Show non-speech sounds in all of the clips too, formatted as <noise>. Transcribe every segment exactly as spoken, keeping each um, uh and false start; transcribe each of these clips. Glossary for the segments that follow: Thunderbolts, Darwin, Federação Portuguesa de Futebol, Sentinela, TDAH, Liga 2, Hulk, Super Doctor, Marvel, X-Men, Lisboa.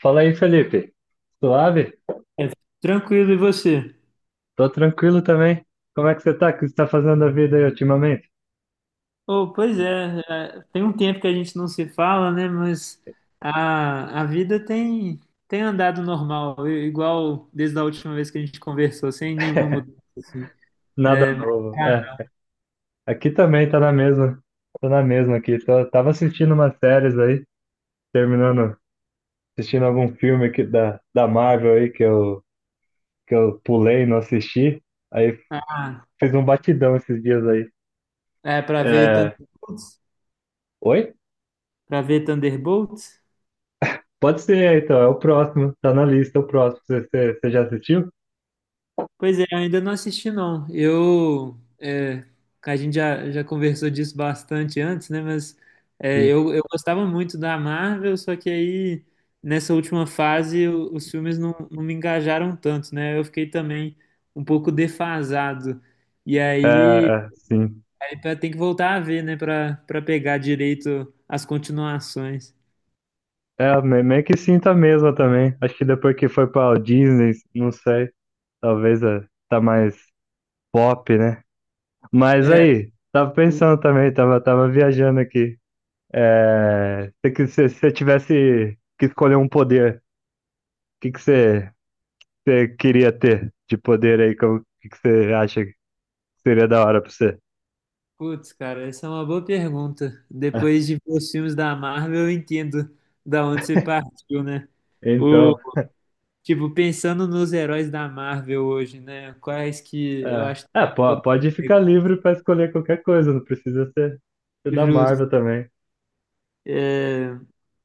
Fala aí, Felipe. Suave? É, tranquilo, e você? Tô tranquilo também. Como é que você tá? O que você tá fazendo da vida aí ultimamente? Oh, pois é, é, tem um tempo que a gente não se fala, né? Mas a, a vida tem, tem andado normal, i- igual desde a última vez que a gente conversou, sem nenhuma mudança, <laughs> assim. Nada novo. É, Ah, aqui também tá na mesma. Tô na mesma aqui. Tô- tava assistindo umas séries aí, terminando, assistindo algum filme aqui da, da Marvel aí que eu, que eu pulei, e não assisti. Aí ah, fiz um batidão esses dias aí. é para ver É... Thunderbolts, Oi? para ver Thunderbolts? Pode ser, então. É o próximo. Tá na lista, o próximo. Você, você, você já assistiu? Pois é, ainda não assisti não. Eu, é, a gente já, já conversou disso bastante antes, né? Mas é, Sim. eu, eu gostava muito da Marvel, só que aí nessa última fase o- os filmes não, não me engajaram tanto, né? Eu fiquei também um pouco defasado. E É, aí, é, sim. aí pra- tem que voltar a ver, né? Para para pegar direito as continuações. É, me- meio que sinto mesmo também. Acho que depois que foi pra Disney, não sei, talvez é, tá mais pop, né? Mas É, aí, tava pensando também, tava, tava viajando aqui. É, se que- se você tivesse que escolher um poder, o que que você, você queria ter de poder aí? Como- O que que você acha que seria da hora pra você? putz, cara, essa é uma boa pergunta. <laughs> Depois de ver os filmes da Marvel, eu entendo da onde você partiu, né? O, Então, tipo, pensando nos heróis da Marvel hoje, né? Quais que eu é, acho é, que po- poderiam pode ser ficar livre pra escolher qualquer coisa, não precisa ser, ser da justos. Marvel também.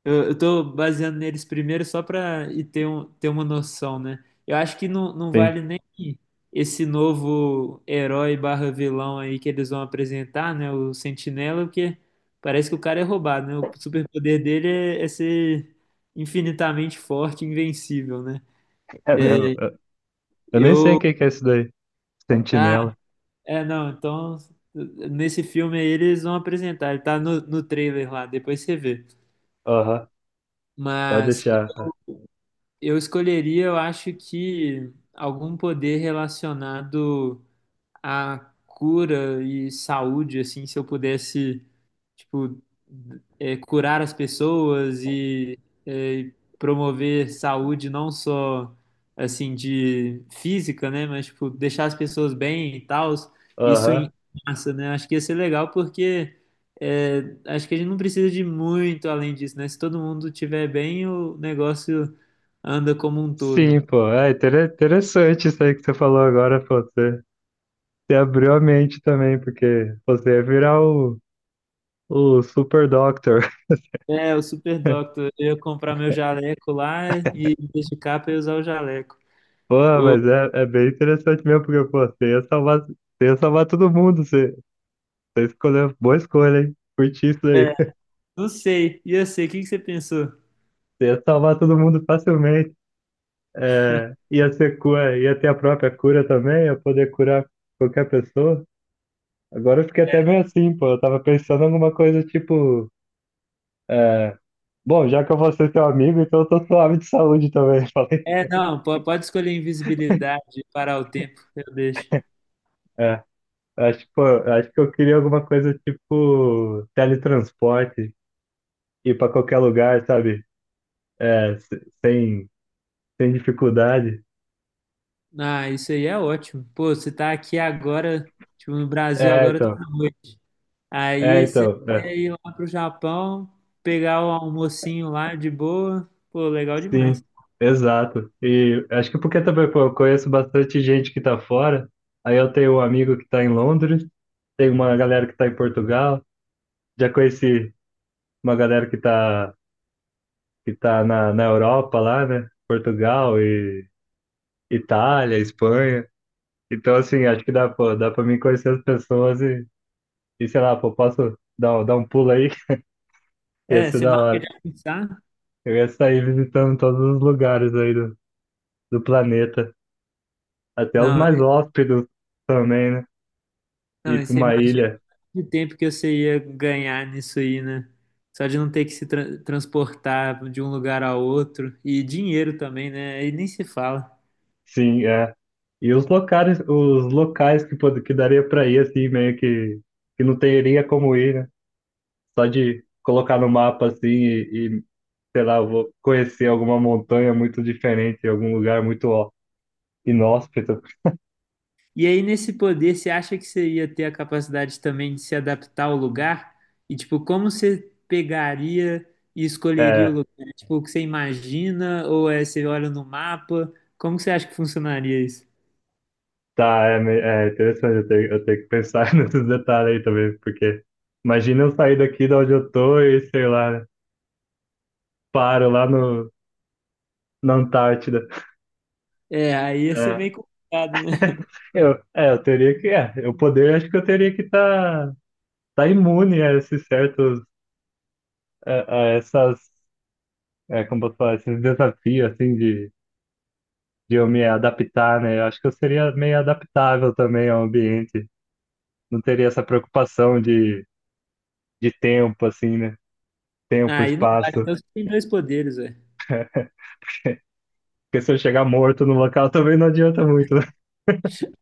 Eu, eu tô baseando neles primeiro só para e ter, um, ter uma noção, né? Eu acho que não, não Sim, vale nem esse novo herói barra vilão aí que eles vão apresentar, né? O Sentinela, porque parece que o cara é roubado, né? O superpoder dele é, é ser infinitamente forte, e invencível, né? é mesmo. Eu nem sei o Eu. que que é isso daí. Ah, Sentinela. é, não, então. Nesse filme aí eles vão apresentar, ele tá no, no trailer lá, depois você vê. Aham, pode Mas. deixar. Eu escolheria, eu acho que algum poder relacionado à cura e saúde, assim, se eu pudesse tipo, é, curar as pessoas e é, promover saúde não só assim de física, né, mas tipo deixar as pessoas bem e tal. Isso Aham. em massa, né? Acho que ia ser legal porque é, acho que a gente não precisa de muito além disso, né? Se todo mundo tiver bem, o negócio anda como um todo. Sim, pô. É inter- interessante isso aí que você falou agora, pô. Você, você abriu a mente também, porque você ia virar o, o Super Doctor. É, o Super <laughs> Doctor. Eu ia comprar meu jaleco lá e me dedicar para usar o jaleco. Pô, O- mas é, é bem interessante mesmo, porque, pô, você ia salvar, você ia salvar todo mundo. Você, você escolheu, boa escolha, hein? Curti isso aí. é, <laughs> não sei. E eu sei, o que que você pensou? Você ia salvar todo mundo facilmente. É, ia ser, cu- ia ter a própria cura também, ia poder curar qualquer pessoa. Agora eu fiquei até meio assim, pô. Eu tava pensando em alguma coisa tipo. É, bom, já que eu vou ser teu amigo, então eu tô suave de saúde também. <laughs> Falei. É, não, po- pode escolher invisibilidade, parar o tempo, eu deixo. É, acho, pô, acho que eu queria alguma coisa tipo teletransporte, ir pra qualquer lugar, sabe? É, se- sem, sem dificuldade. Ah, isso aí é ótimo. Pô, você tá aqui agora, tipo, no Brasil É, agora tá então. noite. É, Aí você então. É, quer ir lá pro Japão, pegar o almocinho lá de boa. Pô, legal demais. sim, exato. E acho que porque também, pô, eu conheço bastante gente que tá fora. Aí eu tenho um amigo que tá em Londres, tem uma galera que tá em Portugal. Já conheci uma galera que tá, que tá na, na Europa lá, né? Portugal e Itália, Espanha. Então, assim, acho que dá, pô, dá pra mim conhecer as pessoas e, e sei lá, pô, posso dar, um- dar um pulo aí? <laughs> Ia É, ser você da marca de hora. almoçar? Eu ia sair visitando todos os lugares aí do, do planeta, até os Não, mais hóspedos também, né? Ir não, pra isso aí uma ilha, de tempo que você ia ganhar nisso aí, né? Só de não ter que se tra- transportar de um lugar a outro. E dinheiro também, né? Aí nem se fala. sim, é. E os locais, os locais que, pod- que daria pra ir, assim, meio que, que não teria como ir, né? Só de colocar no mapa assim e, e, sei lá, eu vou conhecer alguma montanha muito diferente, algum lugar muito ó, inóspito. E aí, nesse poder, você acha que você ia ter a capacidade também de se adaptar ao lugar? E, tipo, como você pegaria e escolheria o É, lugar? É, tipo, o que você imagina? Ou é você olha no mapa? Como que você acha que funcionaria isso? tá, é, me- é interessante, eu tenho, eu tenho que pensar <laughs> nesses detalhes aí também, porque imagina eu sair daqui de onde eu tô e, sei lá, né, paro lá no, na Antártida. É, aí ia ser É. meio complicado, né? <laughs> <laughs> Eu, é, eu teria que, é, eu poder, acho que eu teria que estar tá, tá imune a esses certos, a, a essas, é, como posso falar, esses desafios, assim, de de eu me adaptar, né? Eu acho que eu seria meio adaptável também ao ambiente. Não teria essa preocupação de, de tempo, assim, né? Tempo, Aí não vale. espaço. Então você tem dois poderes, velho. Porque se eu chegar morto no local <laughs> também não adianta muito, né?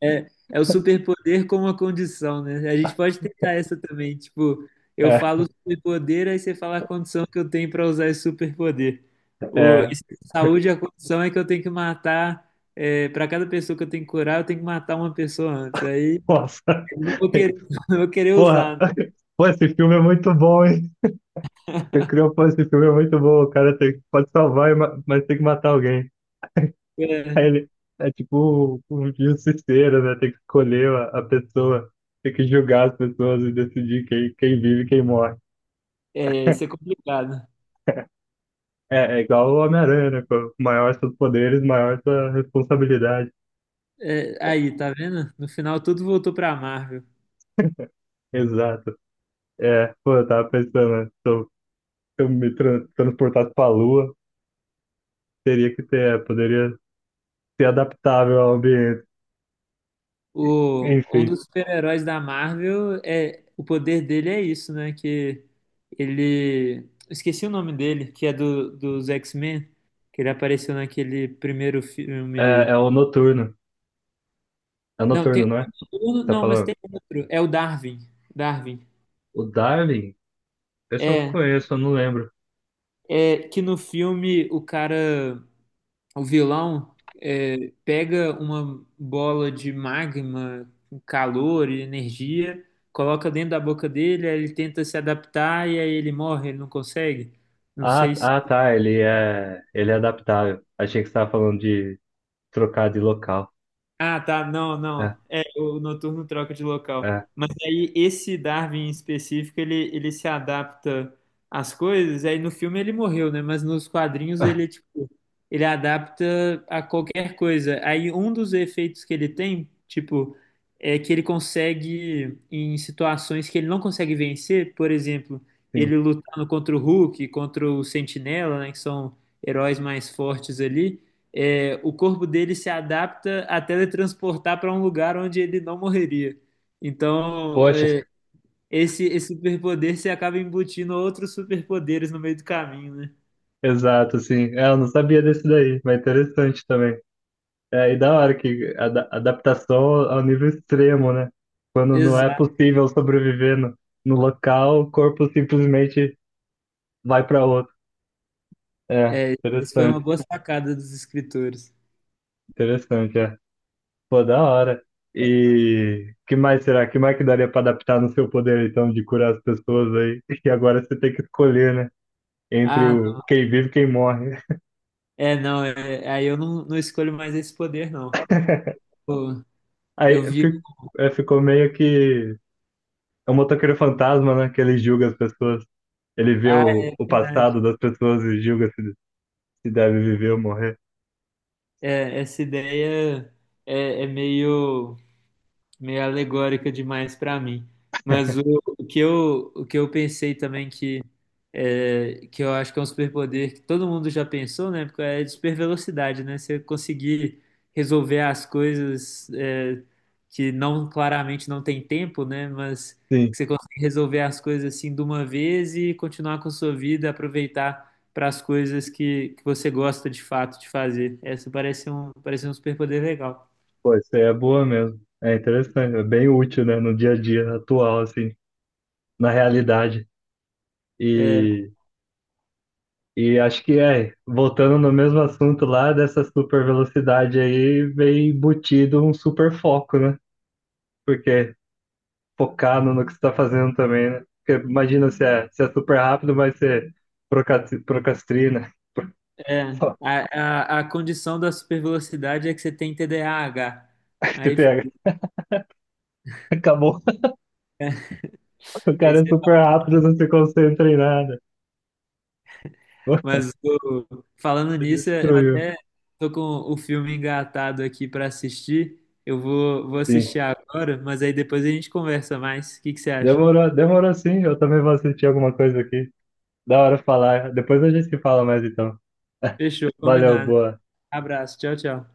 É, é o superpoder como a condição, né? A gente pode tentar essa também. Tipo, eu É, falo superpoder, aí você fala a condição que eu tenho para usar esse superpoder. O, é. esse de saúde, a condição é que eu tenho que matar. Para cada pessoa que eu tenho que curar, eu tenho que matar uma pessoa antes. Aí Nossa. eu não vou querer, <laughs> <laughs> não vou querer Porra. usar. Pô, esse filme é muito bom, hein? Você criou, pô, esse filme é muito bom. O cara tem, pode salvar, e ma- mas tem que matar alguém. Né? Aí ele é tipo o um justiceiro, né? Tem que escolher a, a pessoa. Tem que julgar as pessoas e decidir quem, quem vive e quem morre. É, é, isso é complicado. É, é igual o Homem-Aranha, né? Pô? Maior seus poderes, maior sua responsabilidade. É, aí, tá vendo? No final, tudo voltou pra Marvel. Exato. É, pô, eu tava pensando, né? Se eu, se eu me tran- transportasse pra Lua, teria que ter, é, poderia ser adaptável ao ambiente. O, um Enfim, dos super-heróis da Marvel é o poder dele é isso, né? Que ele esqueci o nome dele, que é do dos X-Men, que ele apareceu naquele primeiro é, filme. é o Noturno. É o Não, tem Noturno, não é? um, Você tá não, mas falando? tem outro. É o Darwin. Darwin. O Darwin? Esse eu não É, conheço, eu não lembro. é que no filme o cara. O vilão é, pega uma bola de magma, calor e energia, coloca dentro da boca dele, aí ele tenta se adaptar e aí ele morre, ele não consegue. Não Ah, sei. ah, tá, ele é, ele é adaptável. Achei que você tava falando de trocar de local. Ah, tá. Não, não. É, É, o noturno troca de local. é, Mas aí esse Darwin em específico, ele, ele se adapta às coisas. Aí no filme ele morreu, né? Mas nos quadrinhos ele, é, <laughs> tipo, ele adapta a qualquer coisa. Aí um dos efeitos que ele tem, tipo, é que ele consegue, em situações que ele não consegue vencer, por exemplo, sim. ele lutando contra o Hulk, contra o Sentinela, né? Que são heróis mais fortes ali é, o corpo dele se adapta a teletransportar para um lugar onde ele não morreria. Então, Poxa. é, esse, esse superpoder se acaba embutindo outros superpoderes no meio do caminho, né? Exato, assim. É, eu não sabia desse daí, mas interessante também. É, e da hora que a ada- adaptação ao nível extremo, né? Quando não é Exato. possível sobreviver no, no local, o corpo simplesmente vai para outro. É, É, essa foi uma interessante, boa sacada dos escritores. interessante, é. Pô, da hora. E que mais será? Que mais que daria para adaptar no seu poder, então, de curar as pessoas aí? <laughs> E agora você tem que escolher, né? Entre Ah, não. o quem vive e quem morre. é, não, é, aí eu não, não escolho mais esse poder, não. <laughs> Pô, eu Aí vi. fi- é, ficou meio que É o motoqueiro fantasma, né? Que ele julga as pessoas. Ele vê Ah, o, é o verdade. passado das pessoas e julga se, se deve viver ou morrer. É, essa ideia é, é meio, meio alegórica demais para mim. Mas o, o que eu, o que eu pensei também que é, que eu acho que é um superpoder que todo mundo já pensou, né? Porque é de supervelocidade, né? Você conseguir resolver as coisas é, que não claramente não tem tempo, né? Mas Sim, que você consegue resolver as coisas assim de uma vez e continuar com a sua vida, aproveitar para as coisas que, que você gosta de fato de fazer. Essa parece um parece um superpoder legal. pô, isso aí é boa mesmo. É interessante, é bem útil, né? No dia a dia atual, assim, na realidade. É, E, e acho que é, voltando no mesmo assunto lá, dessa super velocidade aí, vem embutido um super foco, né? Porque focar no, no que você está fazendo também, né? Porque imagina se é, se é super rápido, mas você procrasti- procrastina. é, <laughs> a, a, a condição da supervelocidade é que você tem T D A H. Você Aí, pega. <laughs> Acabou. O aí cara é você- super rápido, não se concentra em nada. Você mas o- falando nisso, eu destruiu. até tô com o filme engatado aqui para assistir. Eu vou, vou Sim. assistir agora, mas aí depois a gente conversa mais. O que que você acha? Demorou, demorou sim. Eu também vou assistir alguma coisa aqui. Da hora falar. Depois a gente se fala mais então. Fechou, <laughs> Valeu, combinado. boa. Abraço, tchau, tchau.